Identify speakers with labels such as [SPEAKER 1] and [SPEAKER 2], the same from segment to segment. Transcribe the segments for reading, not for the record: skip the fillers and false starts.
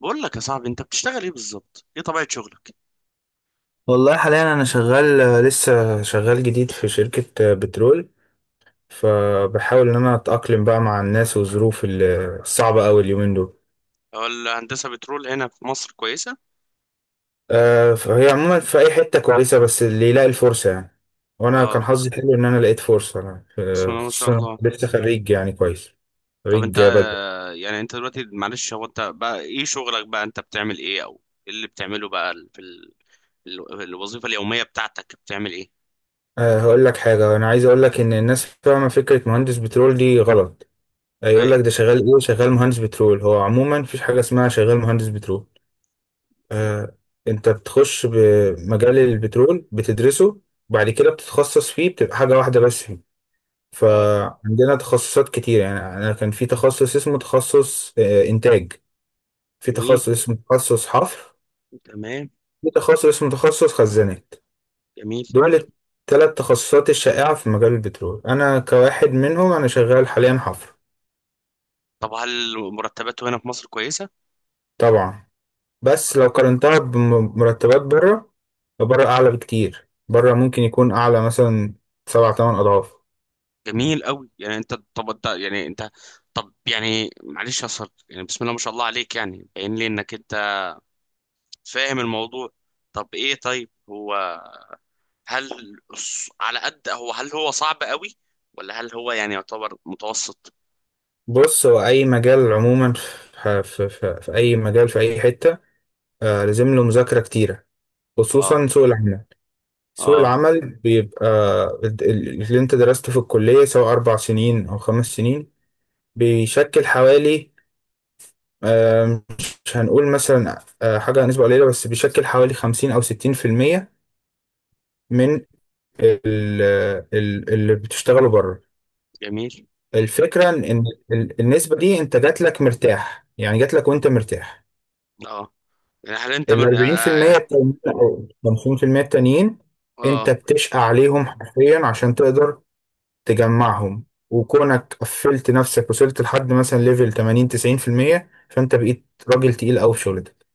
[SPEAKER 1] بقول لك يا صاحبي، انت بتشتغل ايه بالظبط؟ ايه طبيعة شغلك؟
[SPEAKER 2] والله حاليا انا شغال، لسه شغال جديد في شركة بترول. فبحاول ان انا اتأقلم بقى مع الناس والظروف الصعبة اوي اليومين دول.
[SPEAKER 1] هو الهندسة بترول هنا في مصر كويسة؟
[SPEAKER 2] فهي عموما في اي حتة كويسة، بس اللي يلاقي الفرصة يعني. وانا كان
[SPEAKER 1] اه،
[SPEAKER 2] حظي حلو ان انا لقيت فرصة أنا،
[SPEAKER 1] بسم
[SPEAKER 2] آه،
[SPEAKER 1] الله ما شاء
[SPEAKER 2] خصوصا
[SPEAKER 1] الله.
[SPEAKER 2] لسه خريج يعني كويس.
[SPEAKER 1] طب انت
[SPEAKER 2] خريج بدري.
[SPEAKER 1] يعني انت دلوقتي معلش، هو انت بقى ايه شغلك؟ بقى انت بتعمل ايه؟ او ايه اللي بتعمله بقى الوظيفة اليومية بتاعتك بتعمل ايه؟
[SPEAKER 2] هقول لك حاجة، أنا عايز أقول لك إن الناس فاهمة فكرة مهندس بترول دي غلط. يقول
[SPEAKER 1] ايه؟
[SPEAKER 2] لك ده شغال إيه، شغال مهندس بترول. هو عموما مفيش حاجة اسمها شغال مهندس بترول. آه، انت بتخش بمجال البترول بتدرسه، بعد كده بتتخصص فيه، بتبقى حاجة واحدة بس فيه.
[SPEAKER 1] اه.
[SPEAKER 2] فعندنا تخصصات كتير يعني، انا كان في تخصص اسمه تخصص انتاج. في
[SPEAKER 1] حلوين.
[SPEAKER 2] تخصص اسمه تخصص حفر.
[SPEAKER 1] تمام.
[SPEAKER 2] في تخصص اسمه تخصص خزانات.
[SPEAKER 1] جميل.
[SPEAKER 2] دول الثلاث تخصصات الشائعة في مجال البترول، انا كواحد منهم انا شغال حاليا حفر.
[SPEAKER 1] طب هل مرتباته هنا في مصر كويسة؟
[SPEAKER 2] طبعا. بس لو قارنتها بمرتبات بره، بره اعلى بكتير، بره ممكن يكون اعلى مثلا سبعة تمن اضعاف.
[SPEAKER 1] جميل قوي. يعني انت، طب انت، يعني انت، طب يعني معلش يا صاحبي، يعني بسم الله ما شاء الله عليك، يعني باين لي انك فاهم الموضوع. طب ايه؟ طيب هو، هل على قد هو، هل هو صعب قوي؟ ولا هل هو يعني يعتبر متوسط؟
[SPEAKER 2] بص، هو أي مجال عموما، في أي مجال في أي حتة لازم له مذاكرة كتيرة،
[SPEAKER 1] اه.
[SPEAKER 2] خصوصا سوق العمل. سوق
[SPEAKER 1] اه.
[SPEAKER 2] العمل بيبقى اللي أنت درسته في الكلية سواء 4 سنين أو 5 سنين بيشكل حوالي آه مش هنقول مثلا حاجة نسبة قليلة، بس بيشكل حوالي 50 أو 60% من ال- اللي بتشتغله بره.
[SPEAKER 1] جميل.
[SPEAKER 2] الفكرة إن النسبة دي أنت جات لك مرتاح يعني، جات لك وأنت مرتاح.
[SPEAKER 1] اه، يعني هل انت
[SPEAKER 2] ال
[SPEAKER 1] من
[SPEAKER 2] 40%
[SPEAKER 1] آه.
[SPEAKER 2] التانيين او 50% التانيين
[SPEAKER 1] آه،
[SPEAKER 2] انت بتشقى عليهم حرفيا عشان تقدر تجمعهم. وكونك قفلت نفسك وصلت لحد مثلا ليفل 80 90%، فانت بقيت راجل تقيل قوي في شغلتك.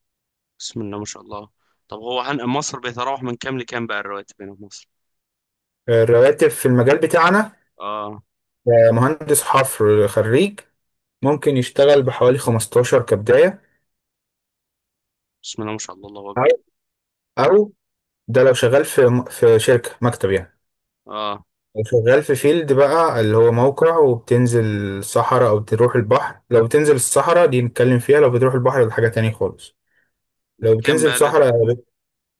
[SPEAKER 1] بسم الله ما شاء الله. طب هو مصر بيتراوح من كام لكام بقى الرواتب هنا في مصر؟
[SPEAKER 2] الرواتب في المجال بتاعنا،
[SPEAKER 1] اه.
[SPEAKER 2] مهندس حفر خريج ممكن يشتغل بحوالي 15 كبداية،
[SPEAKER 1] بسم الله ما شاء الله، الله
[SPEAKER 2] او
[SPEAKER 1] اكبر.
[SPEAKER 2] او ده لو شغال في شركة مكتب يعني.
[SPEAKER 1] اه،
[SPEAKER 2] شغال في فيلد بقى اللي هو موقع، وبتنزل الصحراء او تروح البحر. لو بتنزل الصحراء دي نتكلم فيها، لو بتروح البحر ده حاجة تاني خالص. لو
[SPEAKER 1] كام
[SPEAKER 2] بتنزل
[SPEAKER 1] بقى
[SPEAKER 2] صحراء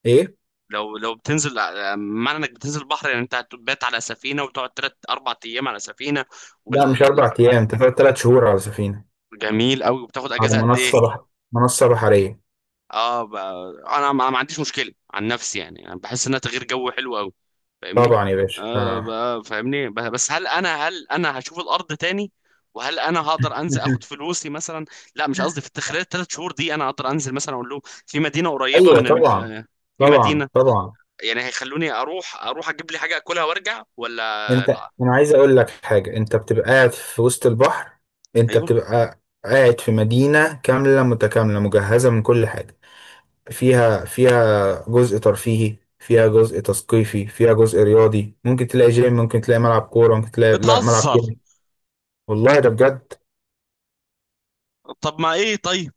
[SPEAKER 2] ايه.
[SPEAKER 1] لو، بتنزل معنى انك بتنزل البحر، يعني انت هتبات على سفينة وتقعد تلات اربع ايام على سفينة،
[SPEAKER 2] لا
[SPEAKER 1] وال.
[SPEAKER 2] مش اربع ايام، انت فاضل 3 شهور على سفينة.
[SPEAKER 1] جميل قوي، وبتاخد
[SPEAKER 2] على
[SPEAKER 1] اجازة
[SPEAKER 2] ياه
[SPEAKER 1] قد ايه؟
[SPEAKER 2] منصة منصة بحرية.
[SPEAKER 1] اه، انا ما عنديش مشكله عن نفسي، يعني يعني بحس انها تغيير جو حلو قوي، فاهمني؟
[SPEAKER 2] طبعا يا باشا
[SPEAKER 1] آه، فاهمني، بس هل انا، هشوف الارض تاني؟ وهل انا هقدر انزل اخد فلوسي مثلا؟ لا، مش قصدي، في خلال الثلاث شهور دي انا هقدر انزل مثلا اقول لهم في مدينه قريبه
[SPEAKER 2] ايوه طبعا،
[SPEAKER 1] آه، في
[SPEAKER 2] طبعا
[SPEAKER 1] مدينه،
[SPEAKER 2] طبعا.
[SPEAKER 1] يعني هيخلوني اروح، اجيب لي حاجه اكلها وارجع؟ ولا
[SPEAKER 2] انت،
[SPEAKER 1] لا.
[SPEAKER 2] انا عايز اقول لك حاجة، انت بتبقى قاعد في وسط البحر، انت
[SPEAKER 1] ايوه.
[SPEAKER 2] بتبقى قاعد في مدينة كاملة متكاملة مجهزة من كل حاجة. فيها جزء ترفيهي، فيها جزء تثقيفي، فيها جزء رياضي، ممكن تلاقي جيم، ممكن تلاقي ملعب كورة، ممكن تلاقي لا ملعب
[SPEAKER 1] بتهزر.
[SPEAKER 2] كورة. والله ده بجد.
[SPEAKER 1] طب ما ايه؟ طيب،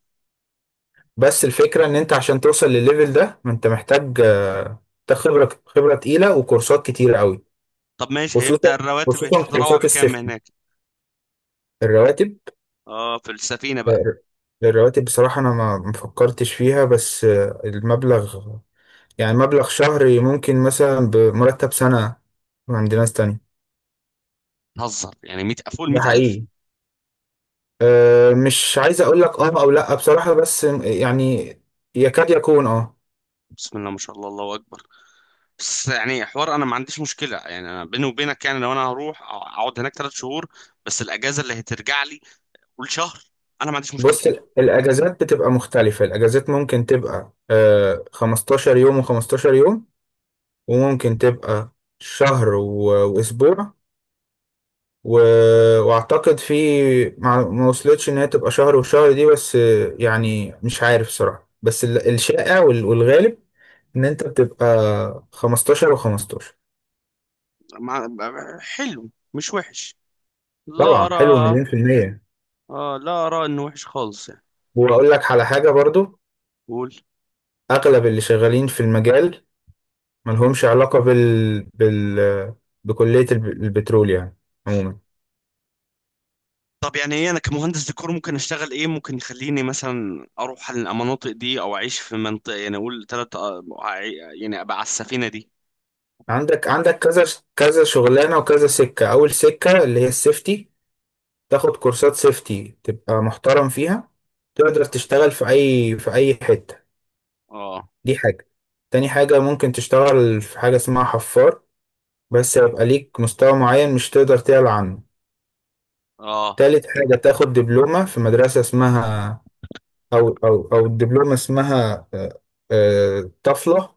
[SPEAKER 2] بس الفكرة ان انت عشان توصل للليفل ده، ما انت محتاج محتاج خبرة، خبرة تقيلة وكورسات كتيرة قوي،
[SPEAKER 1] طب ماشي،
[SPEAKER 2] خصوصا
[SPEAKER 1] هيبدأ الرواتب
[SPEAKER 2] خصوصا
[SPEAKER 1] تتراوح
[SPEAKER 2] كورسات
[SPEAKER 1] بكام
[SPEAKER 2] السيفتي.
[SPEAKER 1] هناك؟
[SPEAKER 2] الرواتب،
[SPEAKER 1] اه، في السفينه بقى.
[SPEAKER 2] آه، الرواتب بصراحة انا ما فكرتش فيها، بس المبلغ يعني مبلغ شهري ممكن مثلا بمرتب سنة عند ناس تانية.
[SPEAKER 1] بتهزر، يعني 100 فوق ال
[SPEAKER 2] ده
[SPEAKER 1] 100,000؟
[SPEAKER 2] حقيقي. مش عايز اقول لك اه او لا بصراحة، بس يعني يكاد يكون اه
[SPEAKER 1] بسم الله ما شاء الله، الله اكبر. بس يعني حوار انا ما عنديش مشكله، يعني انا بيني وبينك يعني لو انا هروح اقعد هناك ثلاث شهور، بس الاجازه اللي هترجع لي كل شهر، انا ما عنديش مشكله.
[SPEAKER 2] بص الاجازات بتبقى مختلفة، الاجازات ممكن تبقى 15 يوم و15 يوم، وممكن تبقى شهر واسبوع و... واعتقد في، ما وصلتش ان هي تبقى شهر وشهر دي، بس يعني مش عارف صراحة، بس الشائع والغالب ان انت بتبقى 15 و15.
[SPEAKER 1] ما... حلو، مش وحش، لا
[SPEAKER 2] طبعا حلو،
[SPEAKER 1] ارى.
[SPEAKER 2] مليون في المية.
[SPEAKER 1] آه، لا ارى انه وحش خالص يعني.
[SPEAKER 2] واقول لك على حاجة برضو،
[SPEAKER 1] قول.
[SPEAKER 2] اغلب اللي شغالين في المجال ملهمش علاقة بال بكلية البترول يعني. عموما،
[SPEAKER 1] طب يعني ايه؟ انا كمهندس ديكور ممكن اشتغل ايه؟ ممكن يخليني مثلا اروح على المناطق دي او اعيش في منطقه، يعني اقول ثلاث، يعني ابقى على السفينه دي.
[SPEAKER 2] عندك كذا، كذا شغلانة وكذا سكة. أول سكة اللي هي السيفتي، تاخد كورسات سيفتي تبقى محترم فيها، تقدر تشتغل في أي حتة.
[SPEAKER 1] اه.
[SPEAKER 2] دي حاجة. تاني حاجة ممكن تشتغل في حاجة اسمها حفار، بس يبقى ليك مستوى معين مش تقدر تعلى عنه.
[SPEAKER 1] اه.
[SPEAKER 2] تالت حاجة تاخد دبلومة في مدرسة اسمها، او الدبلومه اسمها طفله،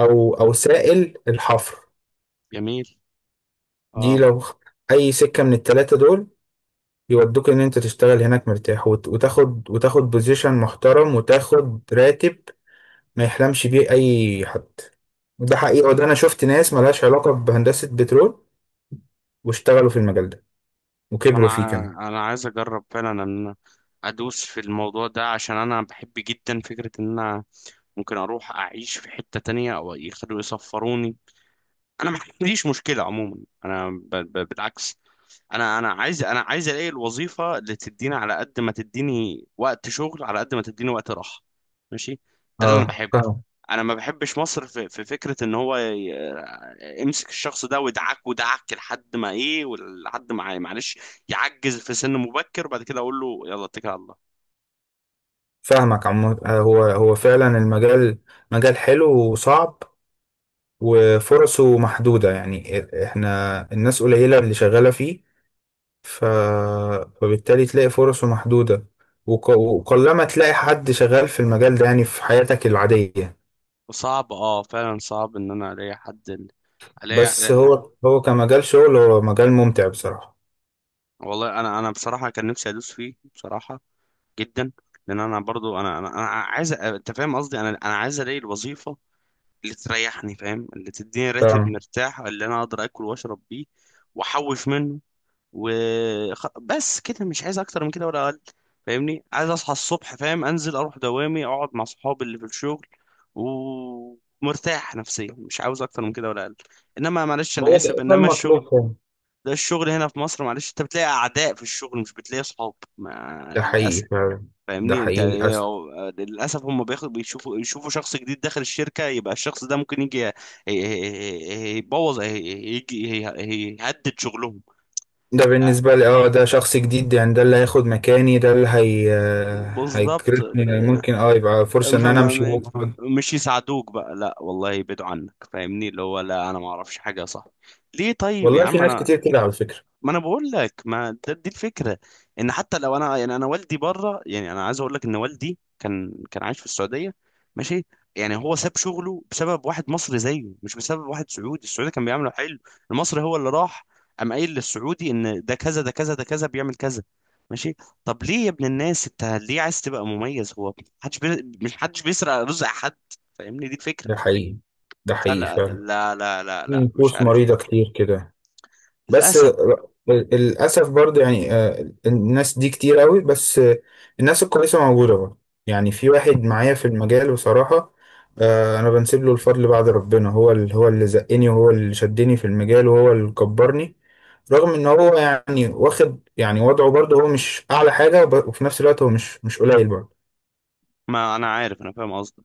[SPEAKER 2] او سائل الحفر.
[SPEAKER 1] جميل.
[SPEAKER 2] دي
[SPEAKER 1] اه،
[SPEAKER 2] لو اي سكه من التلاته دول، يودوك ان انت تشتغل هناك مرتاح، وتاخد بوزيشن محترم وتاخد راتب ما يحلمش بيه اي حد. وده حقيقه، وده انا شفت ناس ملهاش علاقه بهندسه بترول واشتغلوا في المجال ده
[SPEAKER 1] طب انا
[SPEAKER 2] وكبروا فيه كمان.
[SPEAKER 1] انا عايز اجرب فعلا ان انا ادوس في الموضوع ده، عشان انا بحب جدا فكرة ان انا ممكن اروح اعيش في حتة تانية او يخلوا يسفروني. انا ما عنديش مشكلة عموما. انا بالعكس، انا عايز، عايز الاقي الوظيفه اللي تديني على قد ما تديني وقت شغل، على قد ما تديني وقت راحه. ماشي، ده اللي انا
[SPEAKER 2] اه،
[SPEAKER 1] بحبه.
[SPEAKER 2] فاهم.
[SPEAKER 1] انا ما بحبش مصر في فكره ان هو يمسك الشخص ده ويدعك ودعك لحد ما ايه، ولحد ما معلش يعجز في سن مبكر، وبعد كده اقول له يلا اتكل على الله.
[SPEAKER 2] فاهمك عم. هو فعلا المجال مجال حلو وصعب، وفرصه محدودة يعني احنا الناس قليلة اللي شغالة فيه. ف... فبالتالي تلاقي فرصه محدودة، وقلما تلاقي حد شغال في المجال ده يعني في حياتك العادية.
[SPEAKER 1] صعب، اه فعلا صعب ان انا الاقي حد الاقي
[SPEAKER 2] بس
[SPEAKER 1] ألاقي-
[SPEAKER 2] هو كمجال شغل هو مجال ممتع بصراحة.
[SPEAKER 1] والله انا، بصراحه كان نفسي ادوس فيه بصراحه، جدا. لان انا برضو انا عايز انت فاهم قصدي، انا عايز الاقي الوظيفه اللي تريحني، فاهم، اللي تديني راتب
[SPEAKER 2] فاهم.
[SPEAKER 1] مرتاح، اللي انا اقدر اكل واشرب بيه واحوش منه، و بس كده، مش عايز اكتر من كده ولا اقل. فاهمني؟ عايز اصحى الصبح، فاهم، انزل اروح دوامي، اقعد مع صحابي اللي في الشغل، ومرتاح نفسيا، مش عاوز اكتر من كده ولا اقل. انما معلش انا
[SPEAKER 2] هو
[SPEAKER 1] اسف،
[SPEAKER 2] ده
[SPEAKER 1] انما الشغل،
[SPEAKER 2] المطلوب فعلا.
[SPEAKER 1] ده الشغل هنا في مصر معلش، انت بتلاقي اعداء في الشغل، مش بتلاقي صحاب، ما
[SPEAKER 2] ده حقيقي
[SPEAKER 1] للاسف.
[SPEAKER 2] فعلا. ده
[SPEAKER 1] فاهمني انت
[SPEAKER 2] حقيقي
[SPEAKER 1] ايه؟
[SPEAKER 2] للأسف.
[SPEAKER 1] هو للاسف هم بياخد، بيشوفوا، يشوفوا شخص جديد داخل الشركه، يبقى الشخص ده ممكن يجي يبوظ، يجي يهدد شغلهم.
[SPEAKER 2] ده بالنسبة لي ده شخص جديد، يعني ده اللي هياخد مكاني، ده اللي هي
[SPEAKER 1] بالظبط.
[SPEAKER 2] هيكرفني، ممكن يبقى فرصة ان انا
[SPEAKER 1] فما
[SPEAKER 2] امشي.
[SPEAKER 1] م- مش يساعدوك بقى، لا والله، يبعدوا عنك. فاهمني؟ اللي هو لا انا ما اعرفش حاجه صح. ليه؟ طيب يا
[SPEAKER 2] والله في
[SPEAKER 1] عم
[SPEAKER 2] ناس
[SPEAKER 1] انا،
[SPEAKER 2] كتير كده على فكرة.
[SPEAKER 1] ما انا بقول لك، ما ده، دي الفكره ان حتى لو انا، يعني انا والدي بره، يعني انا عايز اقول لك ان والدي كان عايش في السعوديه، ماشي، يعني هو ساب شغله بسبب واحد مصري زيه، مش بسبب واحد سعودي. السعودي كان بيعمله حلو، المصري هو اللي راح قام قايل للسعودي ان ده كذا، ده كذا، ده كذا، بيعمل كذا. ماشي؟ طب ليه يا ابن الناس؟ انت ليه عايز تبقى مميز؟ هو مش حدش بيسرق رزق حد. فاهمني؟ دي الفكره.
[SPEAKER 2] ده حقيقي. ده حقيقي
[SPEAKER 1] فلا
[SPEAKER 2] فعلا.
[SPEAKER 1] لا لا لا
[SPEAKER 2] في
[SPEAKER 1] لا، مش
[SPEAKER 2] نفوس
[SPEAKER 1] عارف.
[SPEAKER 2] مريضة كتير كده، بس
[SPEAKER 1] للاسف.
[SPEAKER 2] للأسف برضه يعني، الناس دي كتير قوي، بس الناس الكويسة موجودة برضه يعني. في واحد معايا في المجال بصراحة، أنا بنسب له الفضل بعد ربنا، هو اللي زقني، وهو اللي شدني في المجال، وهو اللي كبرني. رغم إن هو يعني واخد يعني وضعه برضه، هو مش أعلى حاجة، وفي نفس الوقت هو مش قليل برضه.
[SPEAKER 1] ما انا عارف، انا فاهم قصدك.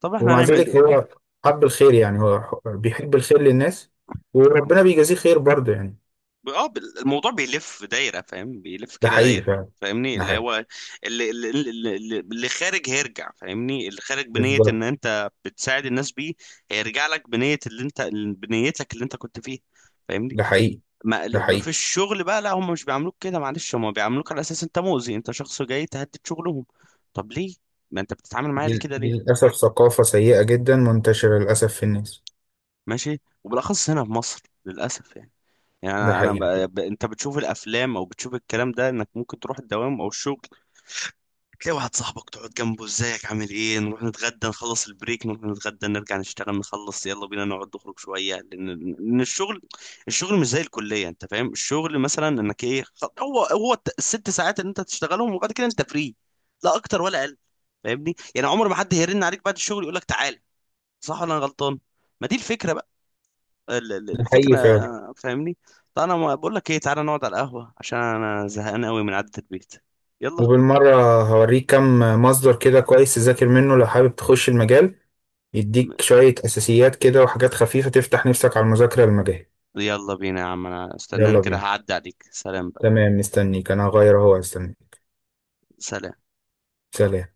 [SPEAKER 1] طب احنا
[SPEAKER 2] ومع
[SPEAKER 1] هنعمل
[SPEAKER 2] ذلك
[SPEAKER 1] إيه؟
[SPEAKER 2] هو حب الخير يعني، هو بيحب الخير للناس، وربنا بيجازيه خير برضه يعني.
[SPEAKER 1] اه، الموضوع بيلف دايره، فاهم؟ بيلف
[SPEAKER 2] ده
[SPEAKER 1] كده
[SPEAKER 2] حقيقي
[SPEAKER 1] دايره.
[SPEAKER 2] فعلا.
[SPEAKER 1] فاهمني
[SPEAKER 2] ده
[SPEAKER 1] اللي
[SPEAKER 2] حقيقي.
[SPEAKER 1] هو اللي خارج هيرجع، فاهمني؟ اللي خارج بنيه
[SPEAKER 2] بالظبط.
[SPEAKER 1] ان انت بتساعد الناس بيه، هيرجع لك بنيه اللي انت، بنيتك اللي انت كنت فيها. فاهمني؟
[SPEAKER 2] ده حقيقي.
[SPEAKER 1] ما
[SPEAKER 2] ده
[SPEAKER 1] ما في
[SPEAKER 2] حقيقي.
[SPEAKER 1] الشغل بقى لا، هم مش بيعاملوك كده معلش، هم بيعاملوك على اساس انت مؤذي، انت شخص جاي تهدد شغلهم. طب ليه؟ ما انت بتتعامل معايا ليه
[SPEAKER 2] دي
[SPEAKER 1] كده؟
[SPEAKER 2] دي
[SPEAKER 1] ليه؟
[SPEAKER 2] للأسف ثقافة سيئة جدا منتشرة للأسف في الناس.
[SPEAKER 1] ماشي، وبالاخص هنا في مصر للاسف يعني. يعني
[SPEAKER 2] ده
[SPEAKER 1] انا
[SPEAKER 2] حقيقي.
[SPEAKER 1] انت بتشوف الافلام او بتشوف الكلام ده، انك ممكن تروح الدوام او الشغل، تلاقي واحد صاحبك، تقعد جنبه، ازيك، عامل ايه، نروح نتغدى، نخلص البريك نروح نتغدى، نرجع نشتغل، نخلص يلا بينا نقعد نخرج شويه، لأن الشغل، مش زي الكليه انت فاهم، الشغل مثلا انك ايه هو هو الست ساعات اللي انت هتشتغلهم، وبعد كده انت فري، لا اكتر ولا اقل. فاهمني؟ يعني عمر ما حد هيرن عليك بعد الشغل يقول لك تعال. صح ولا انا غلطان؟ ما دي الفكره بقى،
[SPEAKER 2] ده حقيقي
[SPEAKER 1] الفكره.
[SPEAKER 2] فعلا.
[SPEAKER 1] فاهمني؟ طب انا بقول لك ايه، تعالى نقعد على القهوه عشان انا زهقان قوي من قعده البيت. يلا.
[SPEAKER 2] وبالمرة هوريك كم مصدر كده كويس تذاكر منه لو حابب تخش المجال، يديك شوية أساسيات كده وحاجات خفيفة تفتح نفسك على المذاكرة المجال.
[SPEAKER 1] يلا بينا يا عم، انا استناني
[SPEAKER 2] يلا
[SPEAKER 1] كده
[SPEAKER 2] بينا.
[SPEAKER 1] هعدي عليك، سلام بقى.
[SPEAKER 2] تمام، مستنيك أنا، هغير أهو استنيك.
[SPEAKER 1] سلام.
[SPEAKER 2] سلام